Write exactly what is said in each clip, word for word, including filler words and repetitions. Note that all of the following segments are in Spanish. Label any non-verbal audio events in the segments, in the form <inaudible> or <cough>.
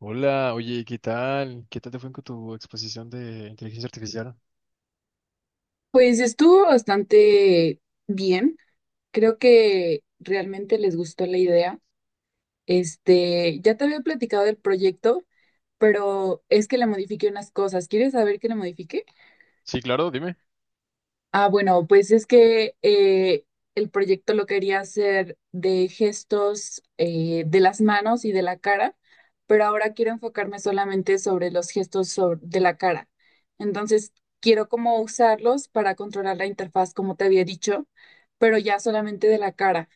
Hola, oye, ¿qué tal? ¿Qué tal te fue con tu exposición de inteligencia artificial? Pues estuvo bastante bien. Creo que realmente les gustó la idea. Este, ya te había platicado del proyecto, pero es que le modifiqué unas cosas. ¿Quieres saber qué le modifiqué? Sí, claro, dime. Ah, bueno, pues es que eh, el proyecto lo quería hacer de gestos eh, de las manos y de la cara, pero ahora quiero enfocarme solamente sobre los gestos sobre- de la cara. Entonces, quiero como usarlos para controlar la interfaz, como te había dicho, pero ya solamente de la cara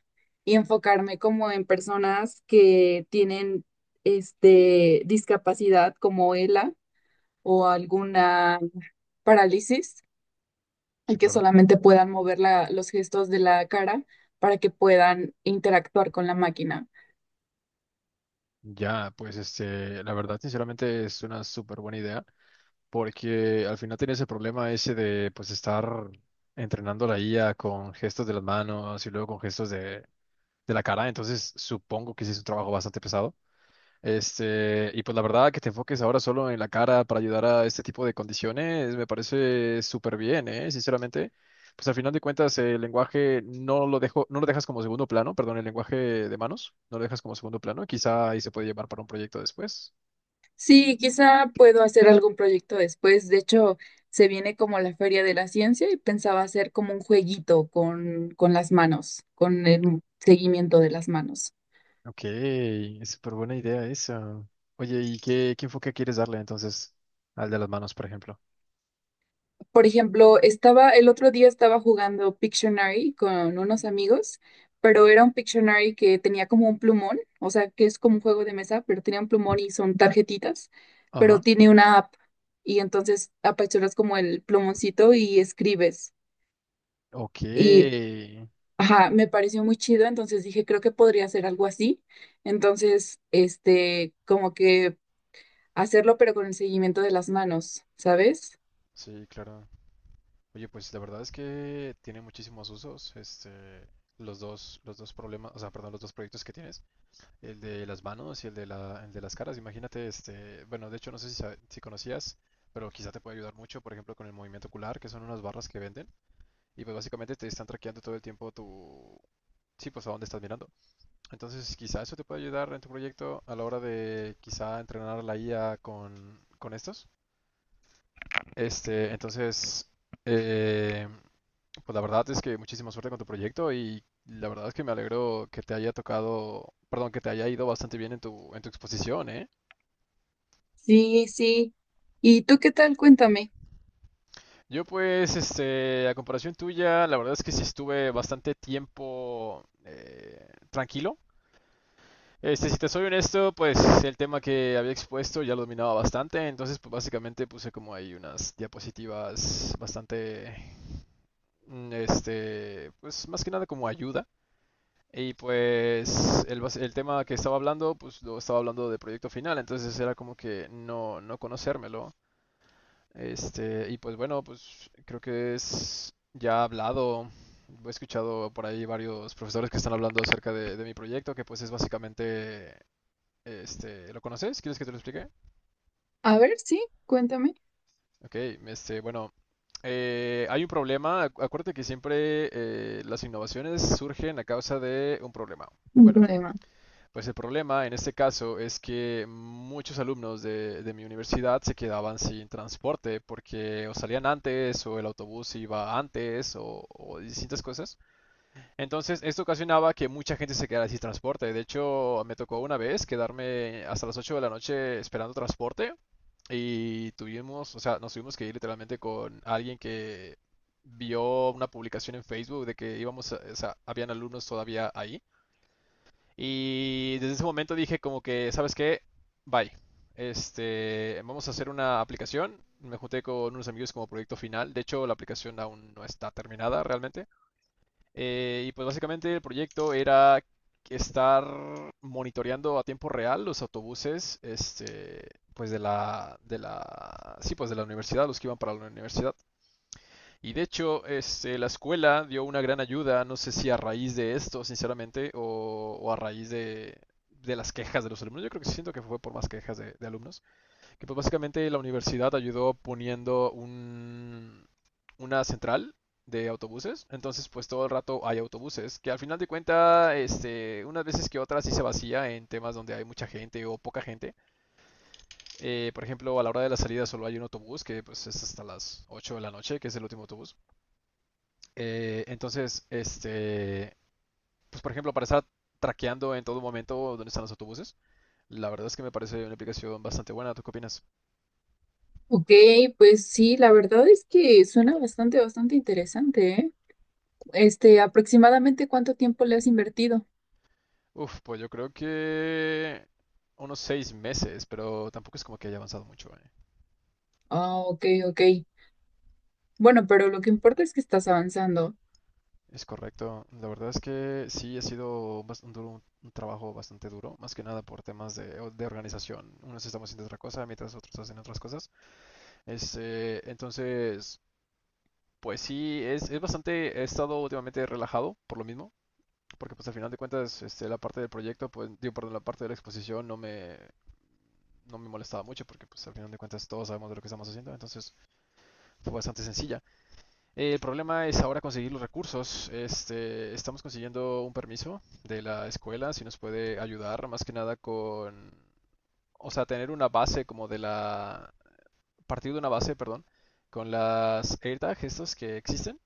y enfocarme como en personas que tienen este, discapacidad como E L A o alguna parálisis, y Sí, que claro. solamente puedan mover la- los gestos de la cara para que puedan interactuar con la máquina. Ya, pues este, la verdad, sinceramente es una súper buena idea, porque al final tienes el problema ese de pues estar entrenando la I A con gestos de las manos y luego con gestos de, de la cara, entonces supongo que sí es un trabajo bastante pesado. Este, y pues la verdad que te enfoques ahora solo en la cara para ayudar a este tipo de condiciones me parece súper bien, ¿eh? Sinceramente, pues al final de cuentas el lenguaje no lo dejo, no lo dejas como segundo plano, perdón, el lenguaje de manos, no lo dejas como segundo plano, quizá ahí se puede llevar para un proyecto después. Sí, quizá puedo hacer algún proyecto después. De hecho, se viene como la Feria de la Ciencia y pensaba hacer como un jueguito con, con las manos, con el seguimiento de las manos. Ok, es súper buena idea esa. Oye, ¿y qué, qué enfoque quieres darle entonces al de las manos, por ejemplo? Por ejemplo, estaba, el otro día estaba jugando Pictionary con unos amigos, pero era un Pictionary que tenía como un plumón, o sea, que es como un juego de mesa, pero tenía un plumón y son tarjetitas, pero Ajá. tiene una app y entonces apachuras como el plumoncito y escribes. Ok. Y, ajá, me pareció muy chido, entonces dije, creo que podría hacer algo así. Entonces, este, como que hacerlo, pero con el seguimiento de las manos, ¿sabes? Sí, claro. Oye, pues la verdad es que tiene muchísimos usos, este, los dos, los dos problemas, o sea, perdón, los dos proyectos que tienes, el de las manos y el de la, el de las caras. Imagínate, este, bueno, de hecho no sé si, sa- si conocías, pero quizá te puede ayudar mucho, por ejemplo, con el movimiento ocular, que son unas barras que venden, y pues básicamente te están traqueando todo el tiempo tu, sí, pues a dónde estás mirando. Entonces, quizá eso te puede ayudar en tu proyecto a la hora de quizá entrenar la I A con, con estos. Este, entonces, eh, pues la verdad es que muchísima suerte con tu proyecto y la verdad es que me alegro que te haya tocado, perdón, que te haya ido bastante bien en tu, en tu exposición, ¿eh? Sí, sí. ¿Y tú qué tal? Cuéntame. Yo pues, este, a comparación tuya, la verdad es que sí estuve bastante tiempo eh, tranquilo. Este, si te soy honesto, pues el tema que había expuesto ya lo dominaba bastante, entonces pues básicamente puse como ahí unas diapositivas bastante, mm, este, pues más que nada como ayuda. Y pues el, bas- el tema que estaba hablando, pues lo estaba hablando de proyecto final, entonces era como que no, no conocérmelo. Este, y pues bueno, pues creo que es ya hablado, he escuchado por ahí varios profesores que están hablando acerca de, de mi proyecto, que pues es básicamente, este, ¿lo conoces? ¿Quieres que te lo explique? A ver, sí, cuéntame, Ok, este, bueno, eh, hay un problema, acu- acuérdate que siempre eh, las innovaciones surgen a causa de un problema. un Bueno. problema. Pues el problema en este caso es que muchos alumnos de, de mi universidad se quedaban sin transporte porque o salían antes o el autobús iba antes o, o distintas cosas. Entonces esto ocasionaba que mucha gente se quedara sin transporte. De hecho, me tocó una vez quedarme hasta las ocho de la noche esperando transporte y tuvimos, o sea, nos tuvimos que ir literalmente con alguien que vio una publicación en Facebook de que íbamos, a- o sea, habían alumnos todavía ahí. Y desde ese momento dije como que, ¿sabes qué? Bye. Este, vamos a hacer una aplicación. Me junté con unos amigos como proyecto final. De hecho, la aplicación aún no está terminada realmente. Eh, y pues básicamente el proyecto era estar monitoreando a tiempo real los autobuses, este, pues de la, de la, sí, pues de la universidad, los que iban para la universidad. Y de hecho, este, la escuela dio una gran ayuda, no sé si a raíz de esto, sinceramente, o, o a raíz de, de las quejas de los alumnos. Yo creo que sí siento que fue por más quejas de, de alumnos. Que pues básicamente la universidad ayudó poniendo un, una central de autobuses. Entonces, pues todo el rato hay autobuses. Que al final de cuentas, este, unas veces que otras sí se vacía en temas donde hay mucha gente o poca gente. Eh, por ejemplo, a la hora de la salida solo hay un autobús que pues es hasta las ocho de la noche, que es el último autobús. Eh, entonces, este, pues por ejemplo, para estar traqueando en todo momento dónde están los autobuses, la verdad es que me parece una aplicación bastante buena. ¿Tú qué opinas? Ok, pues sí, la verdad es que suena bastante, bastante interesante, ¿eh? Este, aproximadamente cuánto tiempo le has invertido. Uf, pues yo creo que unos seis meses, pero tampoco es como que haya avanzado mucho, ¿eh? Ah, ok, ok. Bueno, pero lo que importa es que estás avanzando. Es correcto. La verdad es que sí ha sido bas- un, duro- un- un trabajo bastante duro, más que nada por temas de, o- de organización. Unos estamos haciendo otra cosa, mientras otros hacen otras cosas. Este, entonces, pues sí, es, es bastante, he estado últimamente relajado por lo mismo porque pues al final de cuentas este, la parte del proyecto, pues digo, perdón, la parte de la exposición no me, no me molestaba mucho porque pues al final de cuentas todos sabemos de lo que estamos haciendo, entonces fue bastante sencilla. Eh, el problema es ahora conseguir los recursos. Este, estamos consiguiendo un permiso de la escuela, si nos puede ayudar más que nada con, o sea, tener una base como de la, partir de una base, perdón, con las AirTag estos que existen.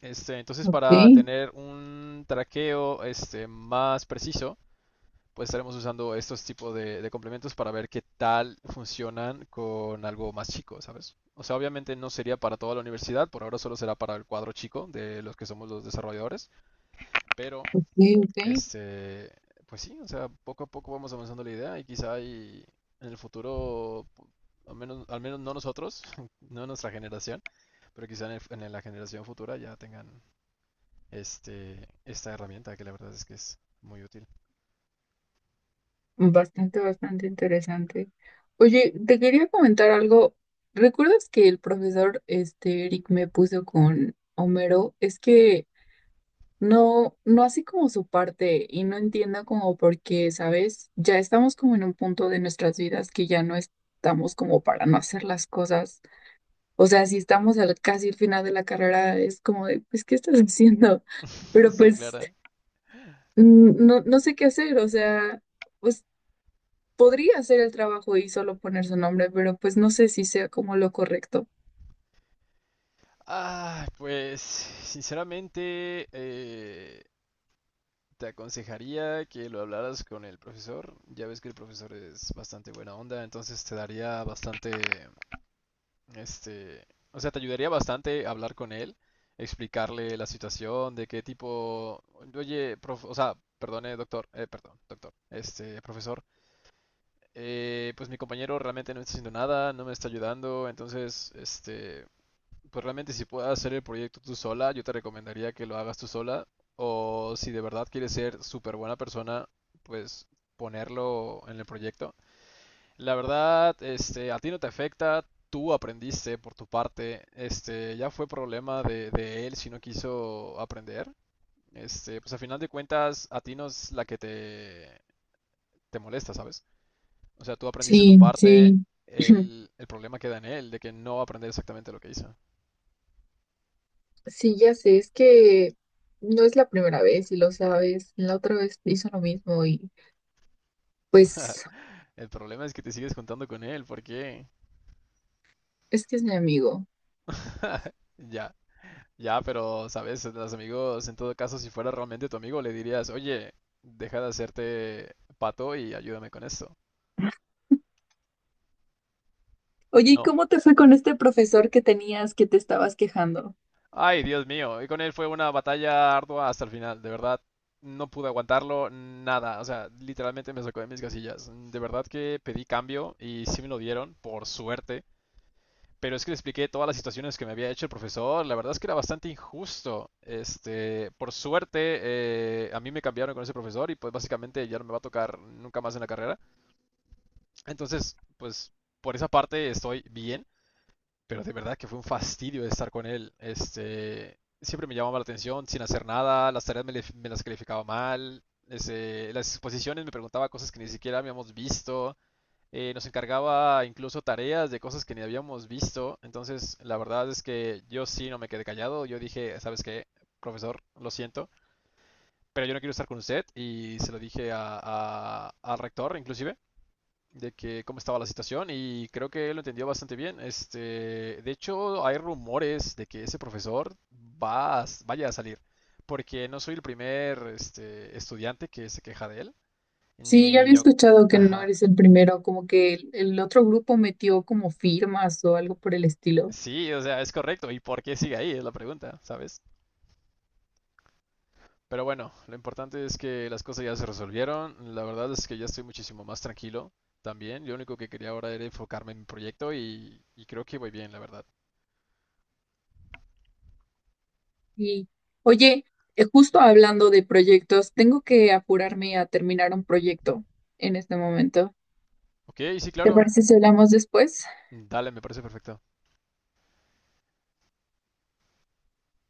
Este, entonces Ok, para tener un traqueo este, más preciso, pues estaremos usando estos tipos de, de complementos para ver qué tal funcionan con algo más chico, ¿sabes? O sea, obviamente no sería para toda la universidad, por ahora solo será para el cuadro chico de los que somos los desarrolladores, pero ok, ok. este, pues sí, o sea, poco a poco vamos avanzando la idea y quizá hay en el futuro, al menos, al menos no nosotros, <laughs> no nuestra generación, pero quizá en, el- en la generación futura ya tengan este, esta herramienta que la verdad es que es muy útil. Bastante, bastante interesante. Oye, te quería comentar algo. ¿Recuerdas que el profesor, este, Eric me puso con Homero? Es que no, no así como su parte y no entiendo como por qué, ¿sabes? Ya estamos como en un punto de nuestras vidas que ya no estamos como para no hacer las cosas. O sea, si estamos al casi el final de la carrera, es como de, pues, ¿qué estás <laughs> haciendo? <laughs> Pero Sí, pues Clara. mm, no, no sé qué hacer, o sea, pues podría hacer el trabajo y solo poner su nombre, pero pues no sé si sea como lo correcto. Ah, pues sinceramente eh, te aconsejaría que lo hablaras con el profesor. Ya ves que el profesor es bastante buena onda, entonces te daría bastante, este, o sea, te ayudaría bastante hablar con él, explicarle la situación, de qué tipo, oye, prof, o sea, perdone, doctor, eh, perdón, doctor, este, profesor, eh, pues mi compañero realmente no está haciendo nada, no me está ayudando, entonces, este, pues realmente si puedes hacer el proyecto tú sola, yo te recomendaría que lo hagas tú sola. O si de verdad quieres ser súper buena persona, pues ponerlo en el proyecto. La verdad, este, a ti no te afecta, tú aprendiste por tu parte, este, ya fue problema de, de él si no quiso aprender. Este, pues a final de cuentas, a ti no es la que te, te molesta, ¿sabes? O sea, tú aprendiste tu Sí, parte, sí. <clears throat> el, el problema queda en él, de que no va a aprender exactamente lo que hizo. Sí, ya sé, es que no es la primera vez y lo sabes. La otra vez hizo lo mismo y <laughs> pues El problema es que te sigues juntando con él, ¿por qué? es que es mi amigo. Ya, ya, pero, ¿sabes? Los amigos, en todo caso, si fuera realmente tu amigo, le dirías, oye, deja de hacerte pato y ayúdame con esto. Oye, ¿y No. cómo te fue con este profesor que tenías que te estabas quejando? Ay, Dios mío. Y con él fue una batalla ardua hasta el final, de verdad. No pude aguantarlo, nada. O sea, literalmente me sacó de mis casillas. De verdad que pedí cambio y sí me lo dieron, por suerte. Pero es que le expliqué todas las situaciones que me había hecho el profesor. La verdad es que era bastante injusto. Este, por suerte, eh, a mí me cambiaron con ese profesor y pues básicamente ya no me va a tocar nunca más en la carrera. Entonces, pues por esa parte estoy bien, pero de verdad que fue un fastidio estar con él. Este, siempre me llamaba la atención sin hacer nada, las tareas me, me las calificaba mal. Este, las exposiciones me preguntaba cosas que ni siquiera habíamos visto eh, Nos encargaba incluso tareas de cosas que ni habíamos visto. Entonces, la verdad es que yo sí no me quedé callado. Yo dije, ¿sabes qué, profesor? Lo siento, pero yo no quiero estar con usted. Y se lo dije a- a- al rector, inclusive, de que cómo estaba la situación. Y creo que él lo entendió bastante bien. Este, de hecho, hay rumores de que ese profesor va a s- vaya a salir. Porque no soy el primer este, estudiante que se queja de él. Sí, ya Ni había yo. escuchado que no Ajá. eres el primero, como que el, el otro grupo metió como firmas o algo por el estilo. Sí, o sea, es correcto. ¿Y por qué sigue ahí? Es la pregunta, ¿sabes? Pero bueno, lo importante es que las cosas ya se resolvieron. La verdad es que ya estoy muchísimo más tranquilo también. Lo único que quería ahora era enfocarme en mi proyecto y, y creo que voy bien, la verdad. Y oye, eh, justo hablando de proyectos, tengo que apurarme a terminar un proyecto en este momento. Ok, sí, ¿Te claro. parece si hablamos después? Dale, me parece perfecto.